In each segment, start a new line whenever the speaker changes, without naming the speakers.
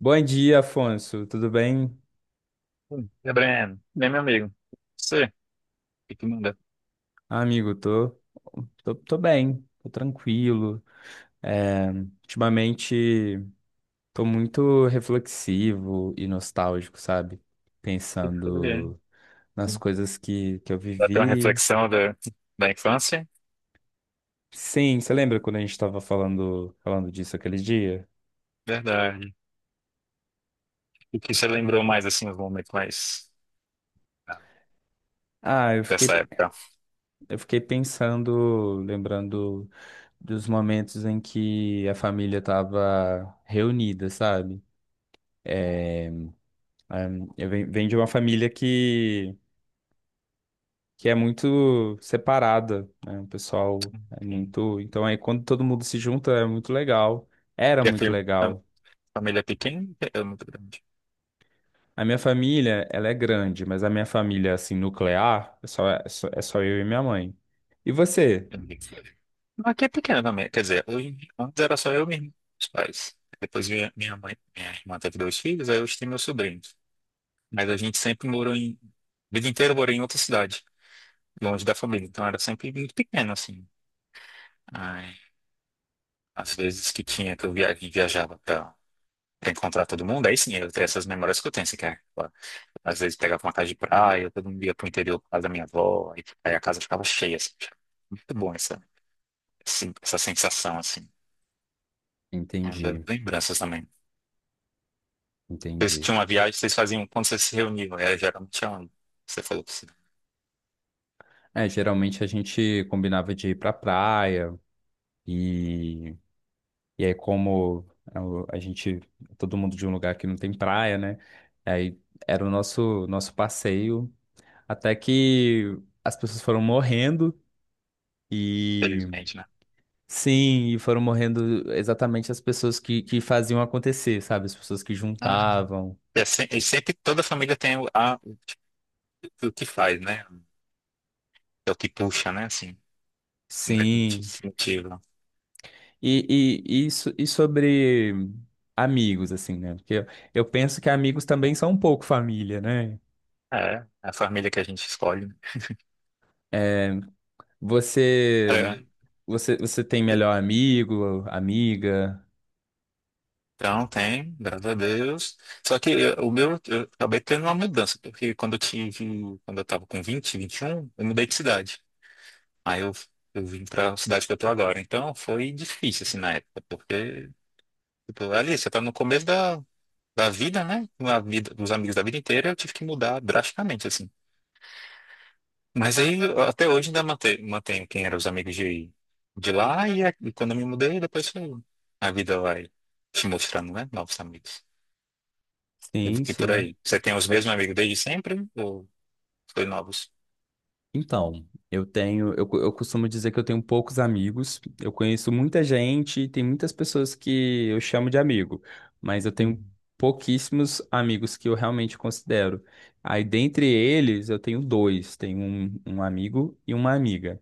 Bom dia, Afonso. Tudo bem?
Gabriel, bem, meu amigo, você, o que manda?
Ah, amigo, tô bem, tô tranquilo. É, ultimamente tô muito reflexivo e nostálgico, sabe?
Foi, é.
Pensando nas coisas que eu
Bateu uma
vivi.
reflexão da infância?
Sim, você lembra quando a gente tava falando disso aquele dia?
Verdade. O que você lembrou mais, assim, os momentos mais ah,
Ah, eu fiquei,
dessa época?
eu fiquei pensando, lembrando dos momentos em que a família tava reunida, sabe? Eu venho de uma família que é muito separada, né? O pessoal é
Sim.
muito. Então, aí, quando todo mundo se junta, é muito legal. Era
E a,
muito
fam- a
legal.
família é pequena? É muito grande.
A minha família, ela é grande, mas a minha família, assim, nuclear, é só eu e minha mãe. E você?
Eu não sei. Não, aqui é pequena também, quer dizer, hoje, antes era só eu e meus pais. Depois minha mãe, minha irmã teve dois filhos, aí hoje tem meus sobrinhos. Mas a gente sempre morou em, a vida inteira morou em outra cidade, longe da família, então era sempre muito pequeno, assim. Ai, às vezes que tinha, que viajava pra encontrar todo mundo, aí sim, eu tenho essas memórias que eu tenho, assim, que é, ó, às vezes pegava uma casa de praia, todo mundo ia pro interior por causa da minha avó, aí a casa ficava cheia, assim, achava muito bom essa sensação, assim, é uma das
Entendi,
lembranças também. Vocês
entendi.
tinham uma viagem, vocês faziam quando vocês se reuniam, era geralmente é onde você falou que sim,
É, geralmente a gente combinava de ir pra praia e E aí, como é, a gente, todo mundo de um lugar que não tem praia, né? Aí era o nosso passeio. Até que as pessoas foram morrendo. E
felizmente, né?
sim, e foram morrendo exatamente as pessoas que faziam acontecer, sabe? As pessoas que
Ah,
juntavam.
e sempre toda família tem o que faz, né? É o que puxa, né, assim, mais
Sim.
motivo.
E, e sobre amigos, assim, né? Eu penso que amigos também são um pouco família, né?
É, é a família que a gente escolhe. Né?
É, Você, você tem melhor amigo, amiga?
Então, tem, graças a Deus. Só que o meu, eu acabei tendo uma mudança, porque quando eu tava com 21, eu mudei de cidade. Aí eu vim pra cidade que eu tô agora. Então, foi difícil, assim, na época, porque, tipo, ali, você tá no começo da vida, né? Uma vida, dos amigos da vida inteira, eu tive que mudar drasticamente, assim. Mas aí, até hoje ainda mantenho quem eram os amigos de lá e quando eu me mudei, depois a vida vai te mostrando, né? Novos amigos.
Sim,
E por
sim.
aí. Você tem os mesmos amigos desde sempre ou foi novos?
Então, eu costumo dizer que eu tenho poucos amigos. Eu conheço muita gente, e tem muitas pessoas que eu chamo de amigo, mas eu tenho
Uhum.
pouquíssimos amigos que eu realmente considero. Aí, dentre eles, eu tenho dois, tenho um, um amigo e uma amiga.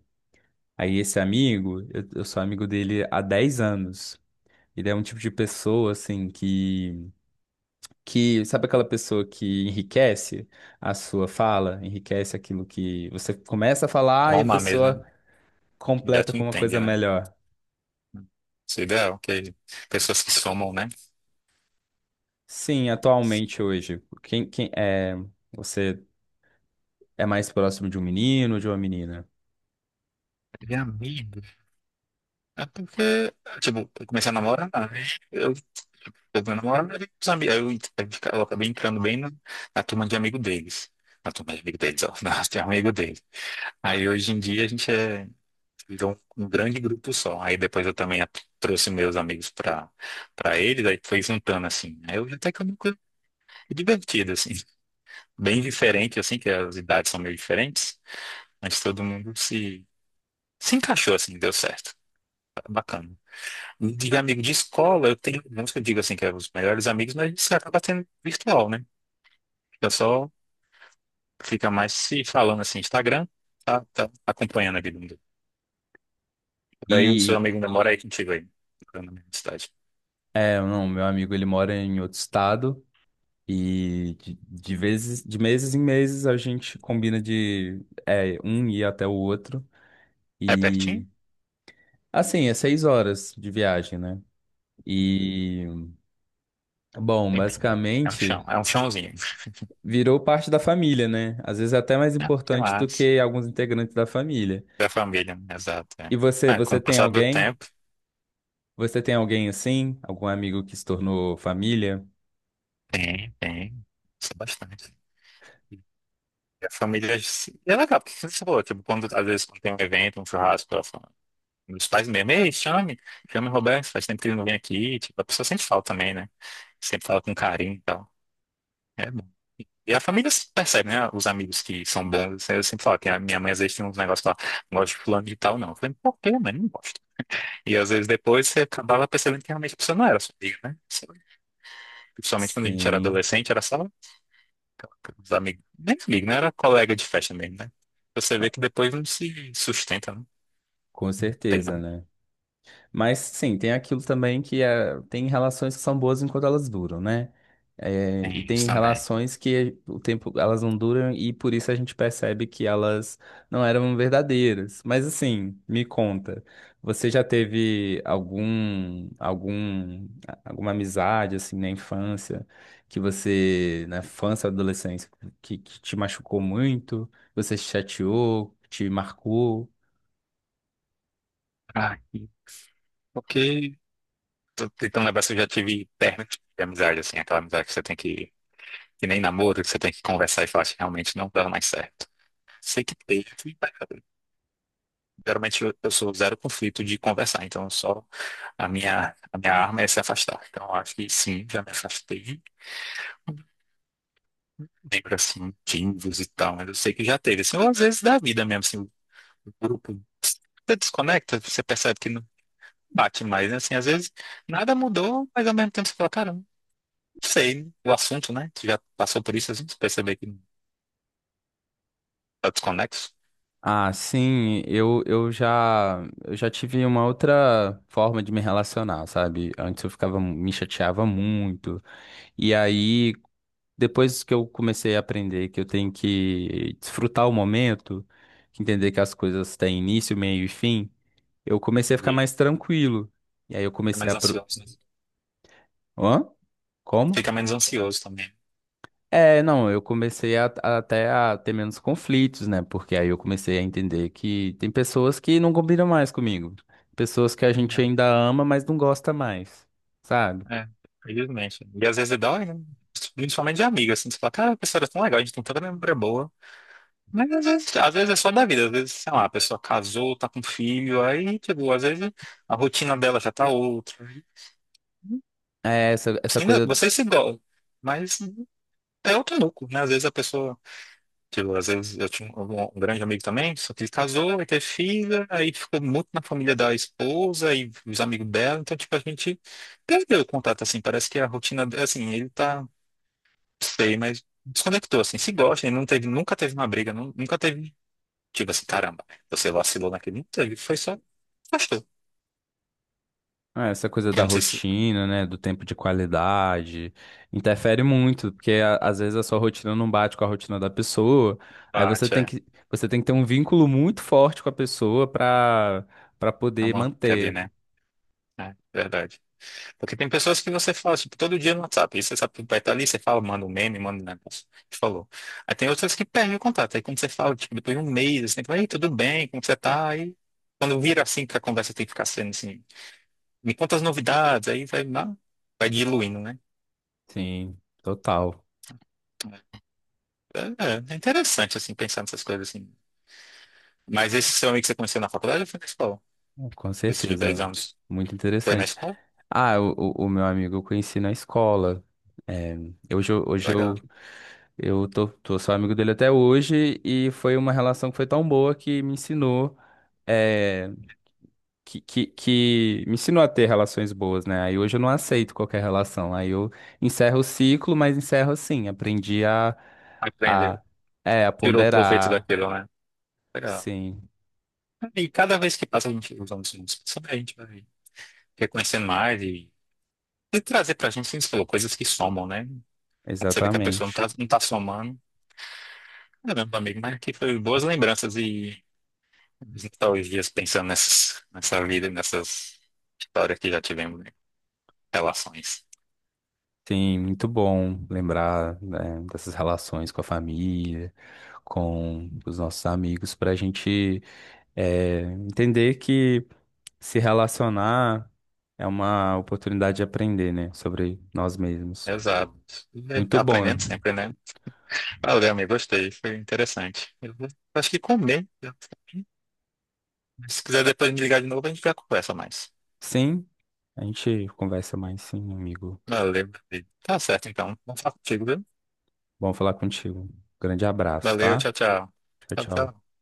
Aí, esse amigo, eu sou amigo dele há 10 anos. Ele é um tipo de pessoa, assim, que sabe aquela pessoa que enriquece a sua fala, enriquece aquilo que você começa a falar e a
Alma, ah, mesmo, né?
pessoa
Já
completa
tu
com uma
entende,
coisa
né?
melhor.
Isso é ideal, que pessoas que somam, né?
Sim, atualmente hoje, quem é você é mais próximo de um menino ou de uma menina?
De amigos. É porque, tipo, eu comecei a namorar, né? Eu meu namorado era os amigos. Aí eu acabei entrando bem na turma de amigo deles. Na turma de amigo deles, ó. Na de amigo deles. Aí hoje em dia virou um grande grupo só. Aí depois eu também trouxe meus amigos pra eles, aí foi juntando assim. Aí eu até que eu nunca divertido, assim. Bem diferente, assim, que as idades são meio diferentes, mas todo mundo se encaixou, assim, deu certo. Tá, bacana. De amigo de escola, eu tenho, não que eu digo assim, que é os melhores amigos, mas isso acaba sendo virtual, né? Eu só fica mais se falando assim, Instagram, tá, tá acompanhando a vida. Daí o seu
E
amigo ainda mora aí contigo aí, na mesma cidade.
é, não, meu amigo ele mora em outro estado e de vezes, de meses em meses a gente combina de é, um ir até o outro
É pertinho?
e assim, é 6 horas de viagem, né?
Hum,
E bom,
Tempinho, né? É um chão,
basicamente
é um chãozinho.
virou parte da família, né? Às vezes é até mais
É, que
importante do
massa.
que alguns integrantes da família.
Da família, né? Exato.
E
É. É, com
você
o
tem
passar do
alguém?
tempo,
Você tem alguém assim? Algum amigo que se tornou família?
tem, tem. Isso é bastante. E a família se- é legal, porque você falou, tipo, quando às vezes quando tem um evento, um churrasco, ela fala, meus pais mesmo, ei, chame o Roberto, faz tempo que ele não vem aqui, tipo, a pessoa sente falta também, né? Sempre fala com carinho e tal. É bom. E a família se percebe, né? Os amigos que são bons, assim, eu sempre falo que a minha mãe às vezes tinha uns negócios lá, não gosto de fulano de tal, não. Eu falei, por quê, mãe? Não gosto. E às vezes depois você acabava percebendo que realmente a pessoa não era sua amiga, né? Sei lá. Principalmente quando a gente era
Sim,
adolescente, era só os amigos, nem amigo, né, era colega de festa mesmo, né? Você vê que depois não se sustenta, né?
com
Tem,
certeza,
não.
né? Mas sim, tem aquilo também tem relações que são boas enquanto elas duram, né? É, e
Tem isso
tem
também.
relações que o tempo elas não duram e por isso a gente percebe que elas não eram verdadeiras. Mas assim, me conta, você já teve alguma amizade assim na infância na infância, adolescência, que te machucou muito, você se chateou, te marcou?
Ah, e- porque tô tentando lembrar se eu já tive término de amizade, assim, aquela amizade que você tem que nem namoro, que você tem que conversar e falar, realmente não dá mais certo. Sei que teve, geralmente eu sou zero conflito de conversar, então só a minha arma é se afastar. Então eu acho que sim, já me afastei. Lembro assim, timbres e tal, mas eu sei que já teve. Assim, ou às vezes da vida mesmo, assim, o grupo, você desconecta, você percebe que não bate mais, né? Assim, às vezes nada mudou, mas ao mesmo tempo você fala, caramba, não sei, o assunto, né? Você já passou por isso, assim, você percebe que tá desconexo.
Ah, sim, eu já tive uma outra forma de me relacionar, sabe? Antes eu me chateava muito. E aí, depois que eu comecei a aprender que eu tenho que desfrutar o momento, que entender que as coisas têm início, meio e fim, eu comecei a ficar
Entendi.
mais tranquilo. E aí eu
Fica
comecei
menos
a... Pro...
ansioso, né?
Hã? Como?
Fica menos ansioso também.
É, não, eu comecei até a ter menos conflitos, né? Porque aí eu comecei a entender que tem pessoas que não combinam mais comigo. Pessoas que a gente
Né?
ainda ama, mas não gosta mais, sabe?
É, felizmente. E às vezes dói, né? Principalmente de amigo, assim, você fala, cara, a pessoa era tão legal, a gente tem tanta memória boa. Mas às vezes é só da vida, às vezes, sei lá, a pessoa casou, tá com filho, aí, tipo, às vezes a rotina dela já tá outra.
É essa, essa
Sim, ainda,
coisa,
vocês se gostam, mas é outro núcleo, né? Às vezes a pessoa, tipo, às vezes eu tinha um, um grande amigo também, só que ele casou, aí teve filha, aí ficou muito na família da esposa e os amigos dela, então, tipo, a gente perdeu o contato, assim, parece que a rotina, assim, ele tá. Sei, mas desconectou, assim, se gosta, e não teve, nunca teve uma briga, nunca teve, tipo assim, caramba, você vacilou naquele, não teve, foi só, gostou.
essa coisa da
Eu não sei se
rotina, né? Do tempo de qualidade, interfere muito, porque às vezes a sua rotina não bate com a rotina da pessoa. Aí
bate, é,
você tem que ter um vínculo muito forte com a pessoa pra
é
poder
uma ali,
manter.
né? É, verdade. Porque tem pessoas que você fala, tipo, todo dia no WhatsApp, e você sabe que vai estar ali, você fala, manda um meme, manda um negócio, que falou. Aí tem outras que perdem o contato, aí quando você fala, tipo, depois de um mês, assim, fala, ei, tudo bem, como você tá? Aí, quando vira assim, que a conversa tem que ficar sendo assim, me conta as novidades, aí vai, lá, vai diluindo, né?
Sim, total.
É, é interessante, assim, pensar nessas coisas, assim. Mas esse seu amigo que você conheceu na faculdade ou foi na escola?
Com
Esse de 10
certeza,
anos
muito
foi na
interessante.
escola?
Ah, o, o meu amigo eu conheci na escola. É, hoje
Legal.
eu, tô só amigo dele até hoje e foi uma relação que foi tão boa que me ensinou, é, que me ensinou a ter relações boas, né? Aí hoje eu não aceito qualquer relação. Aí eu encerro o ciclo, mas encerro assim. Aprendi
Aprendeu.
a, a
Tirou proveito
ponderar.
daquilo, né? Legal.
Sim,
E cada vez que passa a gente usando os nomes, a gente vai reconhecendo mais e trazer pra gente, assim, você falou, coisas que somam, né? Quando você vê que a pessoa
exatamente.
não tá somando. Caramba, amigo, mas aqui foi boas lembranças e nostalgias pensando nessa vida, e nessas histórias que já tivemos, né? Relações.
Sim, muito bom lembrar, né, dessas relações com a família, com os nossos amigos, para a gente eh, entender que se relacionar é uma oportunidade de aprender, né, sobre nós mesmos.
Exato. E
Muito
aprendendo
bom.
sempre, né? Valeu, amigo. Gostei. Foi interessante. Acho que comer. Se quiser depois me ligar de novo, a gente já conversa mais.
Sim, a gente conversa mais, sim, amigo.
Valeu, meu querido. Tá certo, então. Vamos falar contigo, viu?
Bom falar contigo. Grande abraço,
Valeu.
tá?
Tchau, tchau.
Tchau,
Tchau,
tchau.
tchau.